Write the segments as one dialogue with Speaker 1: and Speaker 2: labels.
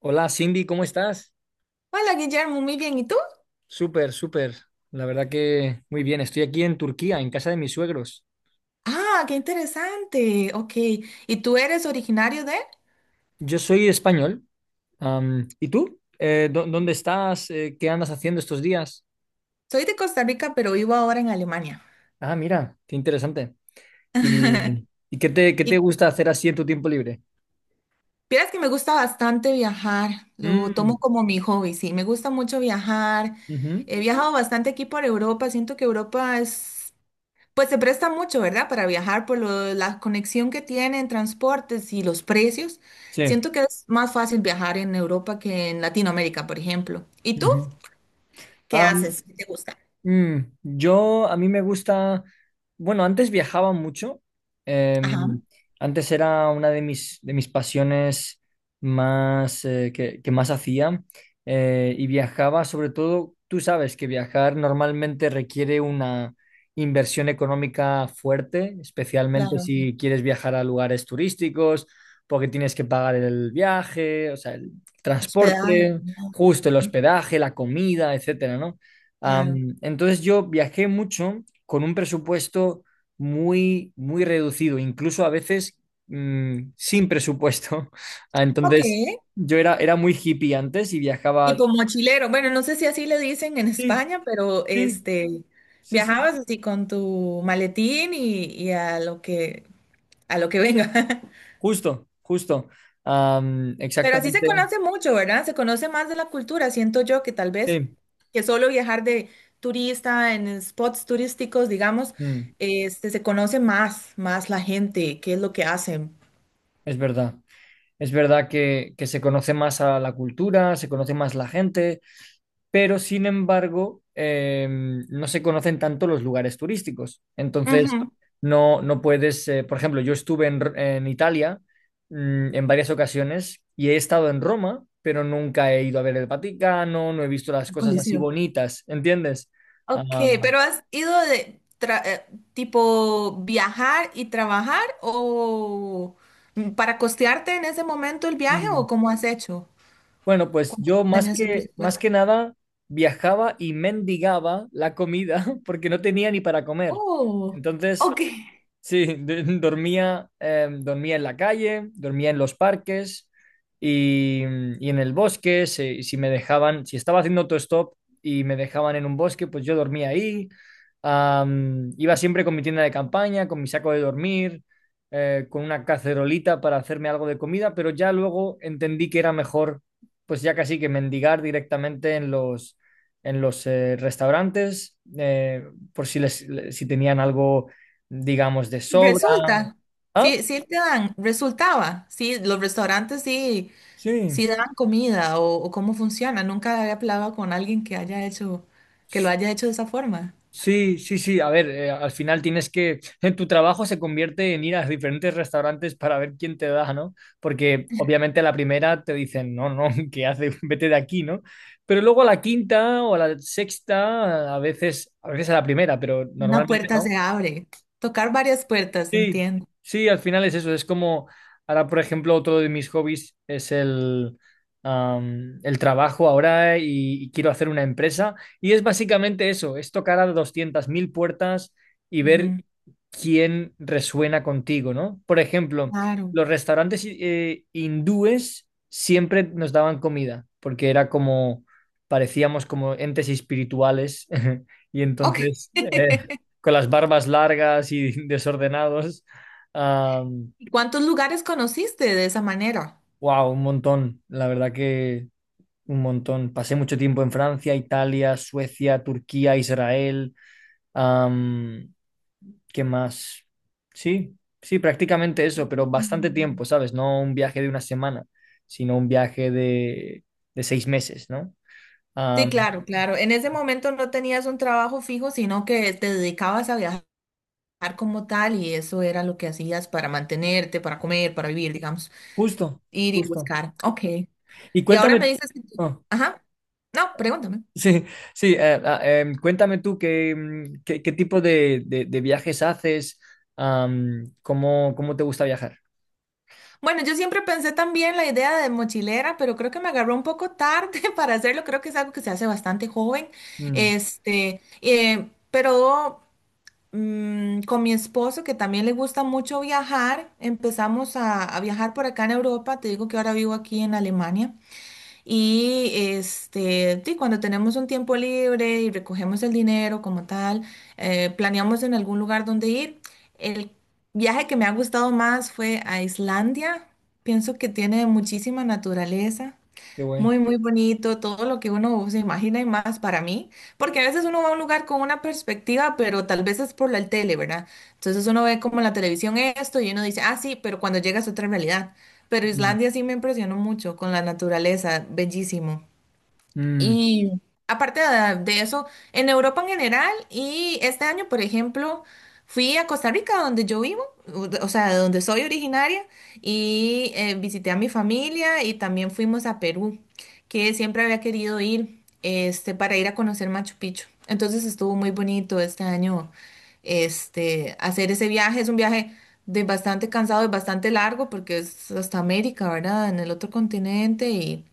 Speaker 1: Hola Cindy, ¿cómo estás?
Speaker 2: Hola Guillermo, muy bien. ¿Y tú?
Speaker 1: Súper, súper. La verdad que muy bien. Estoy aquí en Turquía, en casa de mis suegros.
Speaker 2: Ah, qué interesante. Ok. ¿Y tú eres originario de?
Speaker 1: Yo soy español. ¿Y tú? Dónde estás? ¿Qué andas haciendo estos días?
Speaker 2: Soy de Costa Rica, pero vivo ahora en Alemania.
Speaker 1: Ah, mira, qué interesante. ¿Y qué qué te
Speaker 2: Y
Speaker 1: gusta hacer así en tu tiempo libre?
Speaker 2: vieras que me gusta bastante viajar. Lo
Speaker 1: Mm,
Speaker 2: tomo como mi hobby, sí. Me gusta mucho viajar.
Speaker 1: ujú.
Speaker 2: He viajado bastante aquí por Europa. Siento que Europa es, pues se presta mucho, ¿verdad? Para viajar por la conexión que tiene en transportes y los precios.
Speaker 1: Sí.
Speaker 2: Siento que es más fácil viajar en Europa que en Latinoamérica, por ejemplo. ¿Y tú?
Speaker 1: Ujú.
Speaker 2: ¿Qué
Speaker 1: Am,
Speaker 2: haces? ¿Qué te gusta?
Speaker 1: Mm, a mí me gusta, bueno, antes viajaba mucho,
Speaker 2: Ajá,
Speaker 1: em, antes era una de de mis pasiones más, que más hacía, y viajaba sobre todo, tú sabes que viajar normalmente requiere una inversión económica fuerte, especialmente
Speaker 2: claro, sí.
Speaker 1: si quieres viajar a lugares turísticos, porque tienes que pagar el viaje, o sea, el
Speaker 2: Hospedaje,
Speaker 1: transporte,
Speaker 2: comida,
Speaker 1: justo el
Speaker 2: mm,
Speaker 1: hospedaje, la comida, etcétera, ¿no?
Speaker 2: claro.
Speaker 1: Entonces yo viajé mucho con un presupuesto muy, muy reducido, incluso a veces sin presupuesto.
Speaker 2: Ok,
Speaker 1: Entonces yo era muy hippie antes y viajaba...
Speaker 2: tipo mochilero. Bueno, no sé si así le dicen en
Speaker 1: Sí,
Speaker 2: España, pero
Speaker 1: sí,
Speaker 2: este,
Speaker 1: sí, sí.
Speaker 2: viajabas así con tu maletín y a lo que venga.
Speaker 1: Justo, justo.
Speaker 2: Pero así se
Speaker 1: Exactamente.
Speaker 2: conoce mucho, ¿verdad? Se conoce más de la cultura. Siento yo que tal vez
Speaker 1: Sí,
Speaker 2: que solo viajar de turista en spots turísticos, digamos,
Speaker 1: mm,
Speaker 2: este, se conoce más, más la gente, qué es lo que hacen.
Speaker 1: es verdad. Es verdad que se conoce más a la cultura, se conoce más la gente, pero sin embargo no se conocen tanto los lugares turísticos. Entonces,
Speaker 2: Ujú.
Speaker 1: no puedes, por ejemplo, yo estuve en Italia, mm, en varias ocasiones y he estado en Roma, pero nunca he ido a ver el Vaticano, no he visto las
Speaker 2: El
Speaker 1: cosas así
Speaker 2: Coliseo.
Speaker 1: bonitas, ¿entiendes?
Speaker 2: Ok,
Speaker 1: Ah,
Speaker 2: pero ¿has ido tipo viajar y trabajar o para costearte en ese momento el viaje
Speaker 1: mm.
Speaker 2: o cómo has hecho?
Speaker 1: Bueno, pues
Speaker 2: ¿Cuánto
Speaker 1: yo más
Speaker 2: tenías el
Speaker 1: más que
Speaker 2: presupuesto?
Speaker 1: nada viajaba y mendigaba la comida porque no tenía ni para comer.
Speaker 2: Oh,
Speaker 1: Entonces,
Speaker 2: ok.
Speaker 1: sí, dormía, dormía en la calle, dormía en los parques y, y en el bosque. Si me dejaban, si estaba haciendo autostop y me dejaban en un bosque, pues yo dormía ahí. Iba siempre con mi tienda de campaña, con mi saco de dormir, con una cacerolita para hacerme algo de comida, pero ya luego entendí que era mejor, pues ya casi que mendigar directamente en en los restaurantes, por si si tenían algo, digamos, de sobra.
Speaker 2: Resulta.
Speaker 1: ¿Ah?
Speaker 2: Sí, sí te dan, resultaba. Sí, los restaurantes sí,
Speaker 1: Sí,
Speaker 2: sí dan comida o cómo funciona. Nunca había hablado con alguien que lo haya hecho de esa forma.
Speaker 1: sí, sí, sí. A ver, al final tienes que, en tu trabajo se convierte en ir a diferentes restaurantes para ver quién te da, ¿no? Porque obviamente a la primera te dicen, no, no, ¿qué haces? Vete de aquí, ¿no? Pero luego a la quinta o a la sexta, a veces, a veces a la primera, pero
Speaker 2: Una
Speaker 1: normalmente
Speaker 2: puerta se
Speaker 1: no.
Speaker 2: abre. Tocar varias puertas,
Speaker 1: Sí,
Speaker 2: entiendo.
Speaker 1: sí, al final es eso. Es como, ahora, por ejemplo, otro de mis hobbies es el trabajo ahora y quiero hacer una empresa. Y es básicamente eso, es tocar a 200.000 puertas y ver
Speaker 2: Ujú,
Speaker 1: quién resuena contigo, ¿no? Por ejemplo,
Speaker 2: claro.
Speaker 1: los restaurantes hindúes siempre nos daban comida, porque era como, parecíamos como entes espirituales, y
Speaker 2: Ok.
Speaker 1: entonces, eh, con las barbas largas y desordenados.
Speaker 2: ¿Cuántos lugares conociste de esa manera?
Speaker 1: Wow, un montón, la verdad que un montón. Pasé mucho tiempo en Francia, Italia, Suecia, Turquía, Israel. Am, ¿Qué más? Sí, sí, prácticamente eso, pero bastante
Speaker 2: Mm.
Speaker 1: tiempo, ¿sabes? No un viaje de una semana, sino un viaje de 6 meses, ¿no?
Speaker 2: Sí,
Speaker 1: Ah,
Speaker 2: claro, claro. En ese momento no tenías un trabajo fijo, sino que te dedicabas a viajar como tal y eso era lo que hacías para mantenerte, para comer, para vivir, digamos,
Speaker 1: justo,
Speaker 2: ir y
Speaker 1: justo.
Speaker 2: buscar. Ok.
Speaker 1: Y
Speaker 2: Y ahora me
Speaker 1: cuéntame,
Speaker 2: dices que tú-
Speaker 1: ah,
Speaker 2: Ajá. No, pregúntame.
Speaker 1: sí, sí, cuéntame tú qué, mm, qué, qué tipo de viajes haces, cómo, cómo te gusta viajar.
Speaker 2: Bueno, yo siempre pensé también la idea de mochilera, pero creo que me agarró un poco tarde para hacerlo. Creo que es algo que se hace bastante joven.
Speaker 1: Mm,
Speaker 2: Este, pero con mi esposo, que también le gusta mucho viajar, empezamos a viajar por acá en Europa. Te digo que ahora vivo aquí en Alemania. Y este, sí, cuando tenemos un tiempo libre y recogemos el dinero como tal, planeamos en algún lugar donde ir. El viaje que me ha gustado más fue a Islandia. Pienso que tiene muchísima naturaleza.
Speaker 1: qué guay.
Speaker 2: Muy, muy bonito, todo lo que uno se imagina y más para mí, porque a veces uno va a un lugar con una perspectiva, pero tal vez es por la tele, ¿verdad? Entonces uno ve como en la televisión esto y uno dice, ah, sí, pero cuando llegas a otra realidad. Pero
Speaker 1: Mm.
Speaker 2: Islandia sí me impresionó mucho con la naturaleza, bellísimo.
Speaker 1: Mm.
Speaker 2: Y aparte de eso, en Europa en general y este año, por ejemplo, fui a Costa Rica, donde yo vivo, o sea, de donde soy originaria, y visité a mi familia y también fuimos a Perú, que siempre había querido ir este, para ir a conocer Machu Picchu. Entonces estuvo muy bonito este año este, hacer ese viaje. Es un viaje de bastante cansado y bastante largo porque es hasta América, ¿verdad? En el otro continente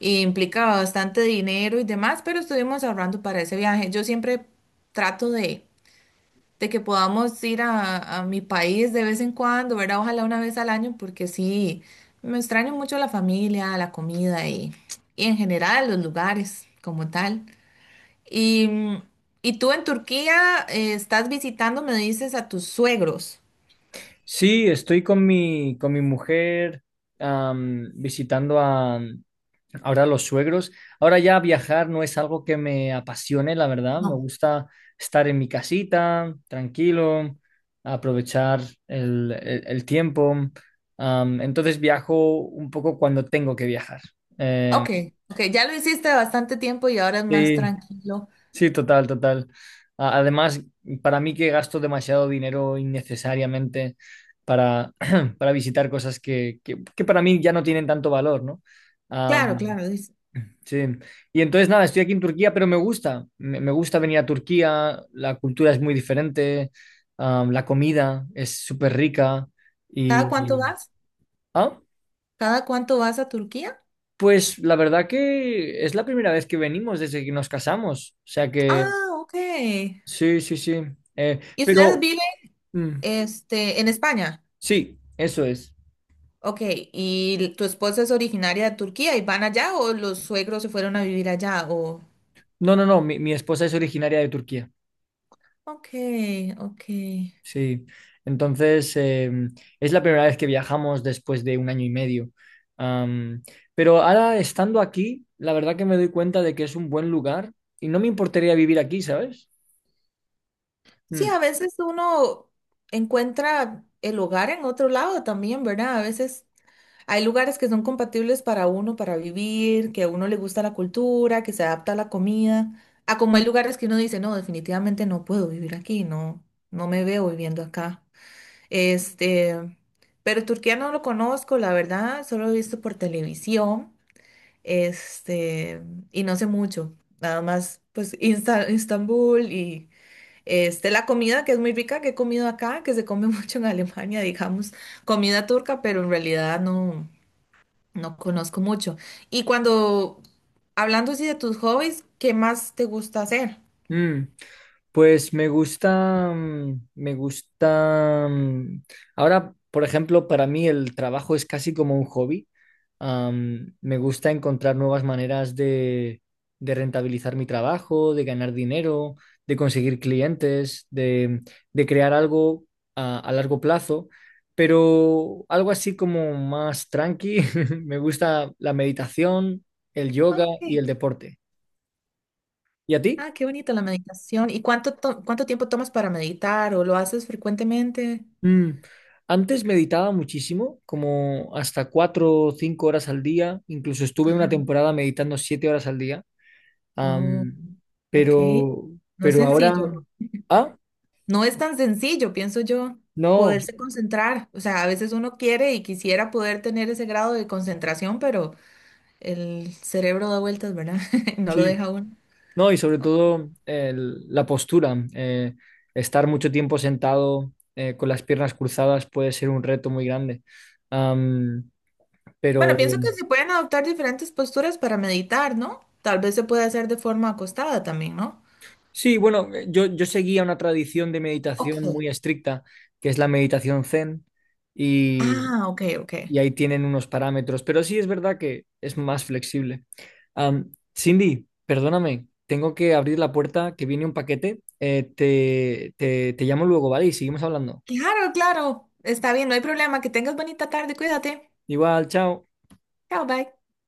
Speaker 2: y implicaba bastante dinero y demás, pero estuvimos ahorrando para ese viaje. Yo siempre trato de que podamos ir a mi país de vez en cuando, ¿verdad? Ojalá una vez al año, porque sí, me extraño mucho la familia, la comida y en general los lugares como tal. Y, mm, y tú en Turquía estás visitando, me dices, a tus suegros.
Speaker 1: Sí, estoy con con mi mujer, visitando a, ahora los suegros. Ahora ya viajar no es algo que me apasione, la verdad. Me
Speaker 2: No.
Speaker 1: gusta estar en mi casita, tranquilo, aprovechar el tiempo. Entonces viajo un poco cuando tengo que viajar. Eh,
Speaker 2: Ok, ok, ya lo hiciste bastante tiempo y ahora es más
Speaker 1: sí,
Speaker 2: tranquilo.
Speaker 1: sí, total, total. A- además, para mí que gasto demasiado dinero innecesariamente para, para visitar cosas que, que para mí ya no tienen tanto valor, ¿no?
Speaker 2: Claro, claro, dice,
Speaker 1: Sí, y entonces nada, estoy aquí en Turquía, pero me gusta, me gusta venir a Turquía, la cultura es muy diferente, la comida es súper rica
Speaker 2: ¿cada cuánto
Speaker 1: y-
Speaker 2: vas?
Speaker 1: Ah,
Speaker 2: ¿Cada cuánto vas a Turquía?
Speaker 1: pues la verdad que es la primera vez que venimos desde que nos casamos, o sea que
Speaker 2: Ah, ok.
Speaker 1: sí, sí, sí, eh,
Speaker 2: ¿Y ustedes
Speaker 1: pero
Speaker 2: viven
Speaker 1: mm,
Speaker 2: este, en España?
Speaker 1: sí, eso es.
Speaker 2: Ok. ¿Y tu esposa es originaria de Turquía y van allá o los suegros se fueron a vivir allá? O...
Speaker 1: No, no, no, mi esposa es originaria de Turquía.
Speaker 2: Ok, ok.
Speaker 1: Sí, entonces es la primera vez que viajamos después de 1 año y medio. Am, pero ahora estando aquí, la verdad que me doy cuenta de que es un buen lugar y no me importaría vivir aquí, ¿sabes?
Speaker 2: Sí,
Speaker 1: Mm,
Speaker 2: a veces uno encuentra el hogar en otro lado también, ¿verdad? A veces hay lugares que son compatibles para uno, para vivir, que a uno le gusta la cultura, que se adapta a la comida, a como hay lugares que uno dice, no, definitivamente no puedo vivir aquí, no, no me veo viviendo acá. Este, pero Turquía no lo conozco, la verdad, solo lo he visto por televisión, este, y no sé mucho, nada más, pues, Istambul y, este, la comida que es muy rica que he comido acá, que se come mucho en Alemania, digamos, comida turca, pero en realidad no. No conozco mucho. Y cuando, hablando así de tus hobbies, ¿qué más te gusta hacer?
Speaker 1: mm. Pues me gusta, mm, me gusta, mm, ahora, por ejemplo, para mí el trabajo es casi como un hobby. Me gusta encontrar nuevas maneras de rentabilizar mi trabajo, de ganar dinero, de conseguir clientes, de crear algo a largo plazo, pero algo así como más tranqui. Me gusta la meditación, el
Speaker 2: Ah,
Speaker 1: yoga y
Speaker 2: ok.
Speaker 1: el deporte. ¿Y a ti?
Speaker 2: Ah, qué bonito la meditación. ¿Y cuánto tiempo tomas para meditar o lo haces frecuentemente?
Speaker 1: Mm, antes meditaba muchísimo, como hasta 4 o 5 horas al día. Incluso estuve una
Speaker 2: Ajá.
Speaker 1: temporada meditando 7 horas al día.
Speaker 2: Oh,
Speaker 1: Am,
Speaker 2: ok.
Speaker 1: pero,
Speaker 2: No es
Speaker 1: pero ahora,
Speaker 2: sencillo.
Speaker 1: ah,
Speaker 2: No es tan sencillo, pienso yo,
Speaker 1: no,
Speaker 2: poderse concentrar. O sea, a veces uno quiere y quisiera poder tener ese grado de concentración, pero el cerebro da vueltas, ¿verdad? No lo
Speaker 1: sí,
Speaker 2: deja uno.
Speaker 1: no, y sobre todo la postura. Estar mucho tiempo sentado, con las piernas cruzadas puede ser un reto muy grande. Am, pero
Speaker 2: Bueno, pienso que se pueden adoptar diferentes posturas para meditar, ¿no? Tal vez se puede hacer de forma acostada también, ¿no?
Speaker 1: sí, bueno, yo seguía una tradición de meditación
Speaker 2: Ok.
Speaker 1: muy estricta, que es la meditación Zen,
Speaker 2: Ah, ok, ok.
Speaker 1: y ahí tienen unos parámetros, pero sí es verdad que es más flexible. Am, Cindy, perdóname, tengo que abrir la puerta que viene un paquete. Te llamo luego, ¿vale? Y seguimos hablando.
Speaker 2: Claro, claro. Está bien, no hay problema. Que tengas bonita tarde, cuídate.
Speaker 1: Igual, chao.
Speaker 2: Chao, bye.